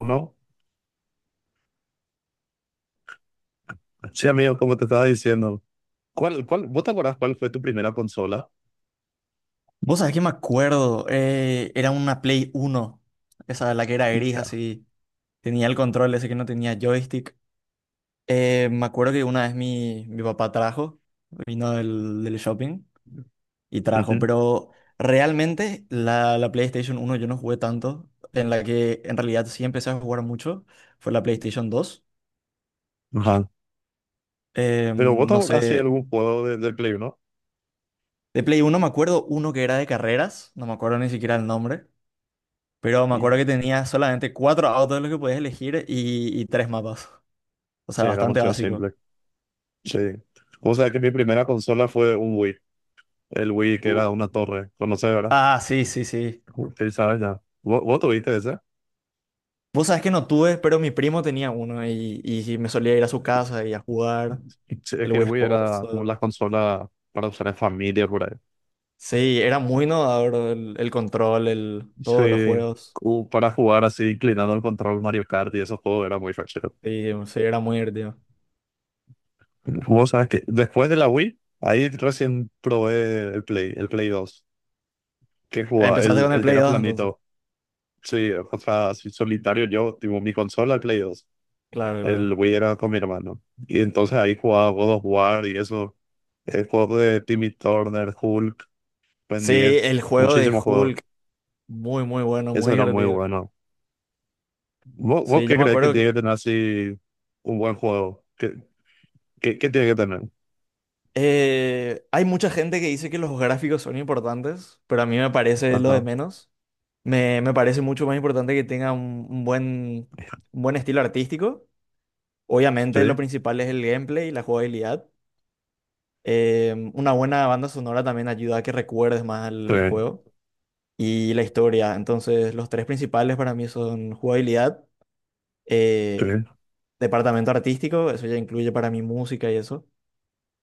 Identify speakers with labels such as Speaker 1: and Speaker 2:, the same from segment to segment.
Speaker 1: No, sí, amigo, como te estaba diciendo. ¿Cuál, vos te acordás cuál fue tu primera consola?
Speaker 2: Vos sabés que me acuerdo, era una Play uno, esa la que era gris
Speaker 1: Hija.
Speaker 2: así, tenía el control ese que no tenía joystick. Me acuerdo que una vez mi papá trajo, vino del shopping y trajo,
Speaker 1: Ujú.
Speaker 2: pero realmente la PlayStation uno yo no jugué tanto. En la que en realidad sí empecé a jugar mucho fue la PlayStation dos.
Speaker 1: Ajá. Pero vos te
Speaker 2: No
Speaker 1: acordás si
Speaker 2: sé,
Speaker 1: algún juego del Play, ¿no?
Speaker 2: de Play uno me acuerdo uno que era de carreras, no me acuerdo ni siquiera el nombre. Pero me acuerdo
Speaker 1: Hija.
Speaker 2: que tenía solamente cuatro autos los que podías elegir y tres mapas. O sea,
Speaker 1: Sí, era
Speaker 2: bastante
Speaker 1: demasiado
Speaker 2: básico.
Speaker 1: simple. Sí. O sea que mi primera consola fue un Wii. El Wii que
Speaker 2: Uh,
Speaker 1: era una torre. ¿Conoces, verdad?
Speaker 2: Ah, sí, sí, sí.
Speaker 1: Sí, sabes ya. ¿Vos tuviste ese?
Speaker 2: Vos sabés que no tuve, pero mi primo tenía uno y me solía ir a su casa y a jugar
Speaker 1: Sí, es
Speaker 2: el
Speaker 1: que el
Speaker 2: Wii
Speaker 1: Wii
Speaker 2: Sports.
Speaker 1: era como la consola para usar en familia, por ahí.
Speaker 2: Sí, era muy innovador el control, el, todos los
Speaker 1: Sí.
Speaker 2: juegos.
Speaker 1: Como para jugar así, inclinando el control Mario Kart y esos juegos era muy fácil.
Speaker 2: Sí, sí, era muy divertido.
Speaker 1: Vos sabés que después de la Wii, ahí recién probé el Play 2. Que jugaba,
Speaker 2: Empezaste
Speaker 1: el,
Speaker 2: con el
Speaker 1: el que
Speaker 2: Play
Speaker 1: era
Speaker 2: 2 entonces.
Speaker 1: planito. Sí, o sea, así solitario yo, tipo mi consola, el Play 2.
Speaker 2: Claro,
Speaker 1: El
Speaker 2: claro.
Speaker 1: Wii era con mi hermano. Y entonces ahí jugaba God of War y eso. El juego de Timmy Turner, Hulk, Ben
Speaker 2: Sí,
Speaker 1: 10,
Speaker 2: el juego de
Speaker 1: muchísimos juegos.
Speaker 2: Hulk, muy, muy bueno,
Speaker 1: Eso
Speaker 2: muy
Speaker 1: era muy
Speaker 2: divertido.
Speaker 1: bueno. ¿Vos
Speaker 2: Sí, yo
Speaker 1: qué
Speaker 2: me
Speaker 1: crees que
Speaker 2: acuerdo
Speaker 1: tiene
Speaker 2: que
Speaker 1: que tener así un buen juego? ¿Qué tiene que tener?
Speaker 2: Hay mucha gente que dice que los gráficos son importantes, pero a mí me parece lo de
Speaker 1: Ajá,
Speaker 2: menos. Me parece mucho más importante que tenga un buen estilo artístico. Obviamente lo
Speaker 1: sí,
Speaker 2: principal es el gameplay y la jugabilidad. Una buena banda sonora también ayuda a que recuerdes más el,
Speaker 1: sí,
Speaker 2: el juego y la historia. Entonces los tres principales para mí son jugabilidad,
Speaker 1: sí,
Speaker 2: eh, departamento artístico, eso ya incluye para mí música y eso,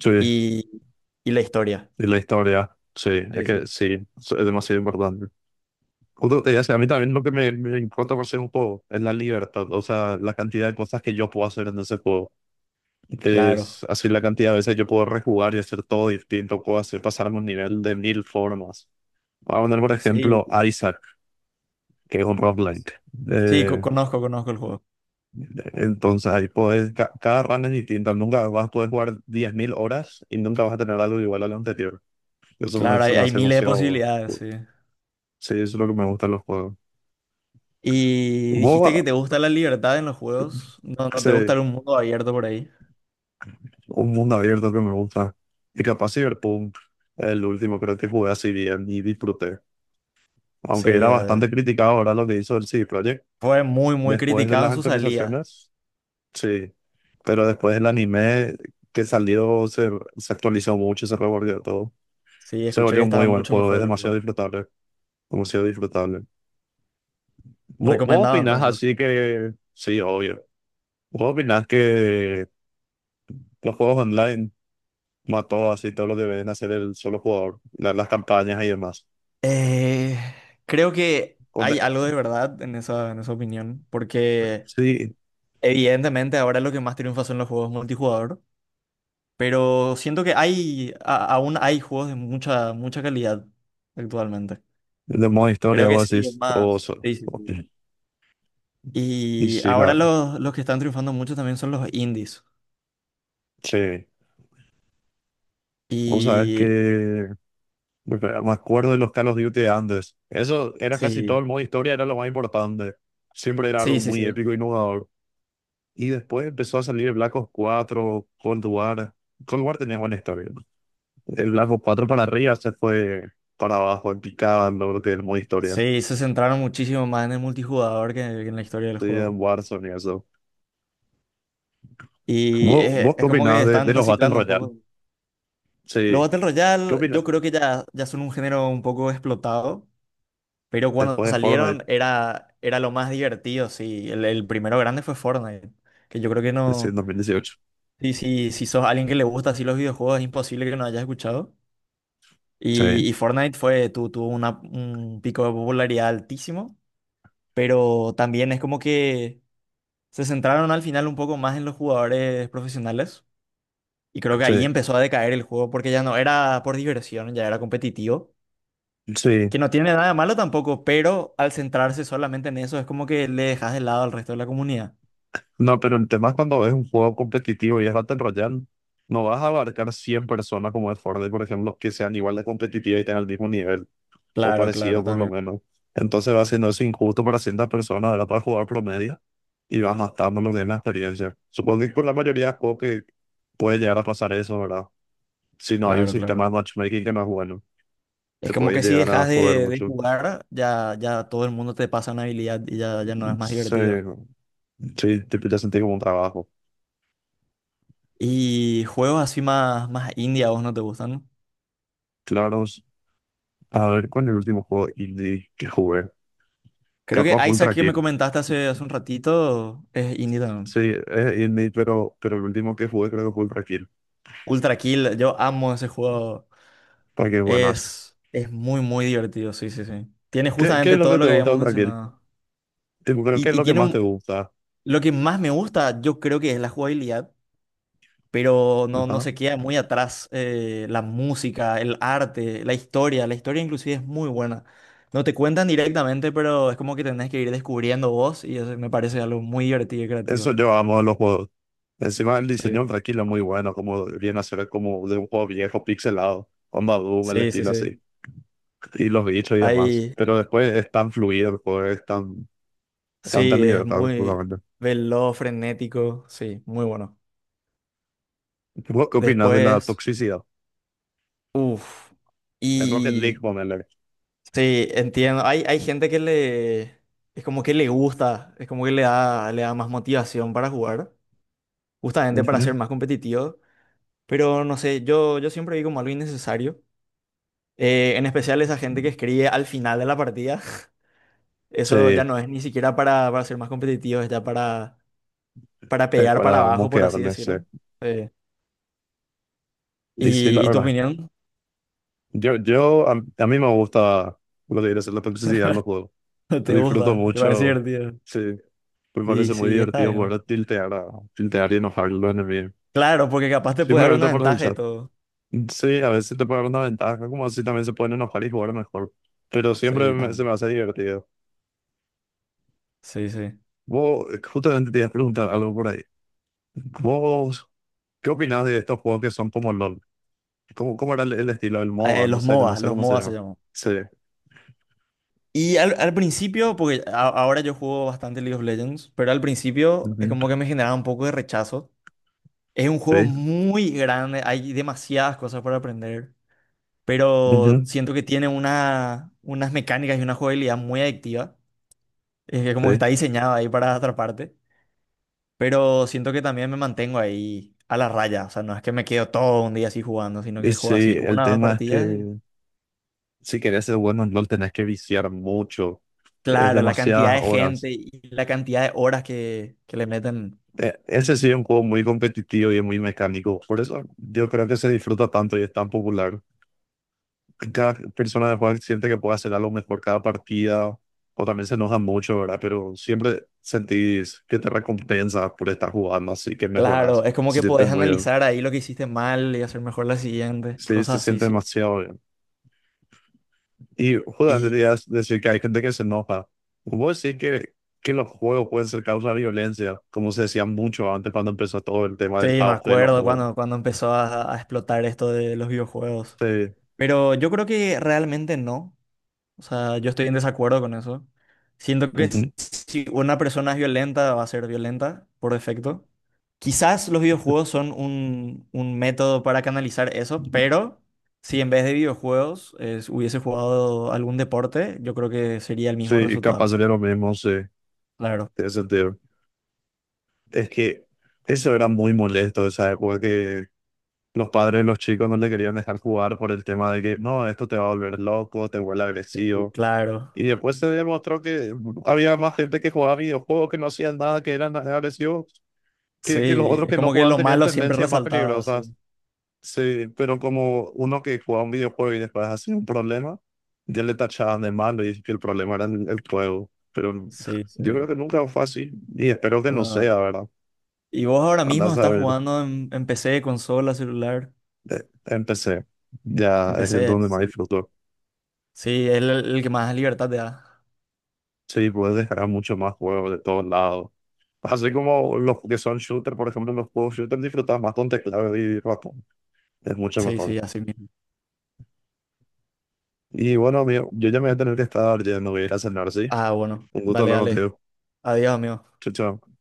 Speaker 1: sí.
Speaker 2: y, y la historia.
Speaker 1: Y la historia, sí, es
Speaker 2: Sí,
Speaker 1: que
Speaker 2: sí.
Speaker 1: sí, es demasiado importante. Justo te iba a decir, a mí también lo que me importa por ser un juego es la libertad, o sea, la cantidad de cosas que yo puedo hacer en ese juego. Es
Speaker 2: Claro,
Speaker 1: así la cantidad de veces yo puedo rejugar y hacer todo distinto, puedo hacer pasarme un nivel de mil formas. Voy a poner, por ejemplo,
Speaker 2: sí.
Speaker 1: Isaac, que es un roguelike.
Speaker 2: Sí,
Speaker 1: Eh,
Speaker 2: conozco, conozco el juego.
Speaker 1: entonces ahí puedes, cada run es distinta, nunca vas a poder jugar 10.000 horas y nunca vas a tener algo igual al anterior. Eso me,
Speaker 2: Claro,
Speaker 1: eso
Speaker 2: hay,
Speaker 1: me
Speaker 2: hay
Speaker 1: hace
Speaker 2: miles de
Speaker 1: emoción.
Speaker 2: posibilidades, sí.
Speaker 1: Sí, eso es lo que me gusta de los juegos.
Speaker 2: Y dijiste que
Speaker 1: MOBA,
Speaker 2: te gusta la libertad en los
Speaker 1: yo
Speaker 2: juegos. No,
Speaker 1: qué
Speaker 2: no te gusta
Speaker 1: sé,
Speaker 2: un mundo abierto por ahí.
Speaker 1: un mundo abierto que me gusta. Y capaz Cyberpunk, el último creo que jugué así bien y disfruté. Aunque
Speaker 2: Sí,
Speaker 1: era
Speaker 2: ya, ya.
Speaker 1: bastante criticado ahora lo que hizo el CD Projekt.
Speaker 2: Fue muy, muy
Speaker 1: Después de
Speaker 2: criticado
Speaker 1: las
Speaker 2: en su salida.
Speaker 1: actualizaciones, sí. Pero después del anime que salió, se actualizó mucho, se revolvió todo.
Speaker 2: Sí,
Speaker 1: Se
Speaker 2: escuché que
Speaker 1: volvió un muy
Speaker 2: estaba
Speaker 1: buen
Speaker 2: mucho
Speaker 1: juego,
Speaker 2: mejor
Speaker 1: es
Speaker 2: el
Speaker 1: demasiado
Speaker 2: juego.
Speaker 1: disfrutable. Demasiado disfrutable. ¿Vos,
Speaker 2: Recomendado
Speaker 1: opinás
Speaker 2: entonces.
Speaker 1: así que. Sí, obvio. ¿Vos opinás que los juegos online mató así todo lo que deben hacer el solo jugador, las campañas y demás.
Speaker 2: Eh, Creo que
Speaker 1: Con-
Speaker 2: hay algo de verdad en esa opinión, porque
Speaker 1: sí,
Speaker 2: evidentemente ahora lo que más triunfa son los juegos multijugador, pero siento que hay, aún hay juegos de mucha, mucha calidad actualmente.
Speaker 1: de modo historia,
Speaker 2: Creo que
Speaker 1: vos
Speaker 2: sí, es
Speaker 1: decís, o,
Speaker 2: más. Sí, sí, sí.
Speaker 1: y
Speaker 2: Y
Speaker 1: sí,
Speaker 2: ahora los que están triunfando mucho también son los indies.
Speaker 1: sí, vos sabés
Speaker 2: Y
Speaker 1: que porque me acuerdo de los Call of Duty de antes, eso era casi todo
Speaker 2: sí,
Speaker 1: el modo historia, era lo más importante, siempre era algo
Speaker 2: sí, sí,
Speaker 1: muy
Speaker 2: sí.
Speaker 1: épico y innovador. Y después empezó a salir el Black Ops 4, Cold War. Cold War tenía buena historia, el Black Ops 4 para arriba se fue para abajo, en picada, lo que es el modo historia.
Speaker 2: Sí, se centraron muchísimo más en el multijugador que en la historia del
Speaker 1: Sí,
Speaker 2: juego.
Speaker 1: en Warzone y eso.
Speaker 2: Y
Speaker 1: ¿Vos, vos qué
Speaker 2: es como que
Speaker 1: opinás de
Speaker 2: están
Speaker 1: los Battle
Speaker 2: reciclando un
Speaker 1: Royale?
Speaker 2: poco. Los
Speaker 1: Sí.
Speaker 2: Battle
Speaker 1: ¿Qué
Speaker 2: Royale,
Speaker 1: opinás
Speaker 2: yo creo que ya, ya son un género un poco explotado, pero cuando
Speaker 1: después de Fortnite
Speaker 2: salieron era, era lo más divertido, sí. El primero grande fue Fortnite, que yo creo que
Speaker 1: sí, en
Speaker 2: no...
Speaker 1: 2018?
Speaker 2: Sí, sí, si sos alguien que le gusta así los videojuegos, es imposible que no hayas escuchado.
Speaker 1: Sí.
Speaker 2: Y Fortnite fue, tuvo un pico de popularidad altísimo, pero también es como que se centraron al final un poco más en los jugadores profesionales. Y creo que ahí
Speaker 1: Sí.
Speaker 2: empezó a decaer el juego porque ya no era por diversión, ya era competitivo.
Speaker 1: Sí.
Speaker 2: Que no tiene nada de malo tampoco, pero al centrarse solamente en eso es como que le dejas de lado al resto de la comunidad.
Speaker 1: No, pero el tema es cuando es un juego competitivo y es Battle Royale, no vas a abarcar 100 personas como es Fortnite, por ejemplo, que sean igual de competitivas y tengan el mismo nivel, o
Speaker 2: Claro,
Speaker 1: parecido
Speaker 2: claro,
Speaker 1: por lo
Speaker 2: también.
Speaker 1: menos. Entonces va siendo eso injusto para ciertas personas, ¿verdad? Para jugar promedio y vas matando lo que es la experiencia. Supongo que con la mayoría de juegos que puede llegar a pasar eso, ¿verdad? Si no hay un
Speaker 2: Claro, claro.
Speaker 1: sistema de matchmaking que no es bueno. Te
Speaker 2: Es como
Speaker 1: puede
Speaker 2: que si
Speaker 1: llegar a
Speaker 2: dejas
Speaker 1: joder
Speaker 2: de
Speaker 1: mucho.
Speaker 2: jugar, ya, ya todo el mundo te pasa una habilidad y ya, ya no es más divertido.
Speaker 1: Se- sí, te empieza a sentir como un trabajo.
Speaker 2: Y juegos así más, más indie a vos no te gustan.
Speaker 1: Claro, a ver, ¿cuál es el último juego indie que jugué?
Speaker 2: Creo que
Speaker 1: Capaz fue
Speaker 2: Isaac
Speaker 1: Ultra
Speaker 2: que me
Speaker 1: Kill.
Speaker 2: comentaste hace, hace un ratito es indie también.
Speaker 1: Sí, es indie, pero el último que jugué creo que fue Ultra Kill.
Speaker 2: Ultra Kill, yo amo ese juego.
Speaker 1: Para que buenas.
Speaker 2: Es muy, muy divertido, sí, sí, sí. Tiene
Speaker 1: ¿Qué es
Speaker 2: justamente
Speaker 1: lo
Speaker 2: todo
Speaker 1: que
Speaker 2: lo
Speaker 1: te
Speaker 2: que
Speaker 1: gusta de
Speaker 2: habíamos
Speaker 1: Ultra Kill?
Speaker 2: mencionado.
Speaker 1: Tipo, creo que es
Speaker 2: Y
Speaker 1: lo que
Speaker 2: tiene
Speaker 1: más te gusta.
Speaker 2: lo que más me gusta, yo creo que es la jugabilidad, pero no, no
Speaker 1: Ajá.
Speaker 2: se queda muy atrás la música, el arte, la historia. La historia inclusive es muy buena. No te cuentan directamente, pero es como que tenés que ir descubriendo vos y eso me parece algo muy divertido y creativo.
Speaker 1: Eso yo amo de los juegos. Encima el diseño
Speaker 2: Sí,
Speaker 1: de Ultra Kill es muy bueno, como viene a ser como de un juego viejo, pixelado. Onda Doom, el
Speaker 2: sí, sí.
Speaker 1: estilo
Speaker 2: sí.
Speaker 1: así y los bichos y demás.
Speaker 2: Ahí
Speaker 1: Pero después es tan fluido el juego, es tan Tanta
Speaker 2: sí, es
Speaker 1: libertad,
Speaker 2: muy
Speaker 1: puramente.
Speaker 2: veloz, frenético, sí, muy bueno.
Speaker 1: ¿Vos ¿Qué opinas de la
Speaker 2: Después,
Speaker 1: toxicidad?
Speaker 2: uff,
Speaker 1: En Rocket League,
Speaker 2: y
Speaker 1: ponele.
Speaker 2: sí, entiendo, hay gente que le, es como que le gusta, es como que le da más motivación para jugar, justamente para ser
Speaker 1: Ujú.
Speaker 2: más competitivos. Pero no sé, yo siempre vi como algo innecesario. En especial esa gente que escribe al final de la partida.
Speaker 1: Sí,
Speaker 2: Eso ya no es ni siquiera para ser más competitivo, es ya para pegar para
Speaker 1: para
Speaker 2: abajo, por así
Speaker 1: moquearme, sí.
Speaker 2: decirlo. Eh,
Speaker 1: Y sí, la
Speaker 2: ¿Y, y tu
Speaker 1: verdad.
Speaker 2: opinión?
Speaker 1: Yo, a mí me gusta lo de ir a hacer la toxicidad en los juegos.
Speaker 2: ¿Te
Speaker 1: Disfruto
Speaker 2: gusta? ¿Te parece
Speaker 1: mucho.
Speaker 2: divertido?
Speaker 1: Sí, me
Speaker 2: Y
Speaker 1: parece muy
Speaker 2: sí, está
Speaker 1: divertido
Speaker 2: bien.
Speaker 1: poder tiltear y enojar a los enemigos.
Speaker 2: Claro, porque capaz te puede dar
Speaker 1: Simplemente
Speaker 2: una
Speaker 1: por el
Speaker 2: ventaja y
Speaker 1: chat.
Speaker 2: todo.
Speaker 1: Sí, a veces te puede dar una ventaja, como así también se pueden enojar y jugar mejor. Pero siempre
Speaker 2: Sí,
Speaker 1: se me hace divertido.
Speaker 2: sí, sí.
Speaker 1: Vos, justamente te iba a preguntar algo por ahí. ¿Vos ¿Qué opinas de estos juegos que son como LOL? ¿Cómo era el estilo del MOBA? No
Speaker 2: Los
Speaker 1: sé, no
Speaker 2: MOBA,
Speaker 1: sé
Speaker 2: los
Speaker 1: cómo se
Speaker 2: MOBA se
Speaker 1: llama.
Speaker 2: llaman.
Speaker 1: Sí.
Speaker 2: Y al, al principio, porque ahora yo juego bastante League of Legends, pero al principio es como
Speaker 1: Ujú.
Speaker 2: que me generaba un poco de rechazo. Es un juego
Speaker 1: Sí.
Speaker 2: muy grande, hay demasiadas cosas para aprender, pero
Speaker 1: Ujú,
Speaker 2: siento que tiene una, unas mecánicas y una jugabilidad muy adictiva. Es que como que
Speaker 1: sí.
Speaker 2: está diseñado ahí para atraparte, pero siento que también me mantengo ahí a la raya. O sea, no es que me quedo todo un día así jugando, sino
Speaker 1: Y
Speaker 2: que
Speaker 1: sí,
Speaker 2: juego así
Speaker 1: el
Speaker 2: una o dos
Speaker 1: tema es
Speaker 2: partidas.
Speaker 1: que si querés ser bueno en LOL tenés que viciar mucho. Es
Speaker 2: Claro, la cantidad
Speaker 1: demasiadas
Speaker 2: de
Speaker 1: horas.
Speaker 2: gente y la cantidad de horas que le meten.
Speaker 1: Ese sí es un juego muy competitivo y es muy mecánico. Por eso yo creo que se disfruta tanto y es tan popular. Cada persona de juega siente que puede hacer algo mejor cada partida, o también se enoja mucho, ¿verdad? Pero siempre sentís que te recompensa por estar jugando, así que
Speaker 2: Claro,
Speaker 1: mejoras.
Speaker 2: es como
Speaker 1: Se
Speaker 2: que
Speaker 1: siente
Speaker 2: podés
Speaker 1: muy bien.
Speaker 2: analizar ahí lo que hiciste mal y hacer mejor la siguiente,
Speaker 1: Sí, se
Speaker 2: cosas así,
Speaker 1: siente
Speaker 2: sí.
Speaker 1: demasiado bien. Y justamente
Speaker 2: Y
Speaker 1: querías decir que hay gente que se enoja. Vos decís que, los juegos pueden ser causa de violencia, como se decía mucho antes cuando empezó todo el tema
Speaker 2: sí,
Speaker 1: del
Speaker 2: me
Speaker 1: auge de los
Speaker 2: acuerdo
Speaker 1: juegos.
Speaker 2: cuando, cuando empezó a explotar esto de los videojuegos.
Speaker 1: Sí,
Speaker 2: Pero yo creo que realmente no. O sea, yo estoy en desacuerdo con eso. Siento que
Speaker 1: ujú.
Speaker 2: si una persona es violenta, va a ser violenta por defecto. Quizás los videojuegos son un método para canalizar eso, pero si en vez de videojuegos hubiese jugado algún deporte, yo creo que sería el
Speaker 1: Sí
Speaker 2: mismo
Speaker 1: y capaz
Speaker 2: resultado.
Speaker 1: sería lo mismo, sí,
Speaker 2: Claro,
Speaker 1: tiene sentido. Es que eso era muy molesto, o sea, porque los padres de los chicos no le querían dejar jugar por el tema de que, no, esto te va a volver loco, te vuelve agresivo.
Speaker 2: claro.
Speaker 1: Y después se demostró que había más gente que jugaba videojuegos, que no hacían nada, que eran agresivos, que los
Speaker 2: Sí,
Speaker 1: otros
Speaker 2: es
Speaker 1: que no
Speaker 2: como que
Speaker 1: jugaban
Speaker 2: lo
Speaker 1: tenían
Speaker 2: malo siempre
Speaker 1: tendencias más
Speaker 2: resaltaba, sí.
Speaker 1: peligrosas. Sí, pero como uno que jugaba un videojuego y después hacía un problema, ya le tachaban de malo y que el problema era el juego. Pero
Speaker 2: Sí, sí.
Speaker 1: yo creo que nunca fue así y espero que no
Speaker 2: Ah,
Speaker 1: sea, ¿verdad?
Speaker 2: ¿y vos ahora mismo
Speaker 1: Andás a
Speaker 2: estás
Speaker 1: ver.
Speaker 2: jugando en PC, consola, celular?
Speaker 1: Empecé. Ya
Speaker 2: En
Speaker 1: es el
Speaker 2: PC,
Speaker 1: donde más
Speaker 2: sí.
Speaker 1: disfruto.
Speaker 2: Sí, es el que más libertad te da.
Speaker 1: Sí, puedes descargar mucho más juegos de todos lados. Así como los que son shooter, por ejemplo, los juegos shooter disfrutas más con teclado y ratón. Es mucho
Speaker 2: Sí,
Speaker 1: mejor.
Speaker 2: sí, así mismo.
Speaker 1: Y bueno, amigo, yo ya me voy a tener que estar yendo, voy a ir a cenar, ¿sí?
Speaker 2: Ah, bueno,
Speaker 1: Un gusto
Speaker 2: dale,
Speaker 1: hablar
Speaker 2: dale.
Speaker 1: contigo.
Speaker 2: Adiós, amigo.
Speaker 1: Chao, chao.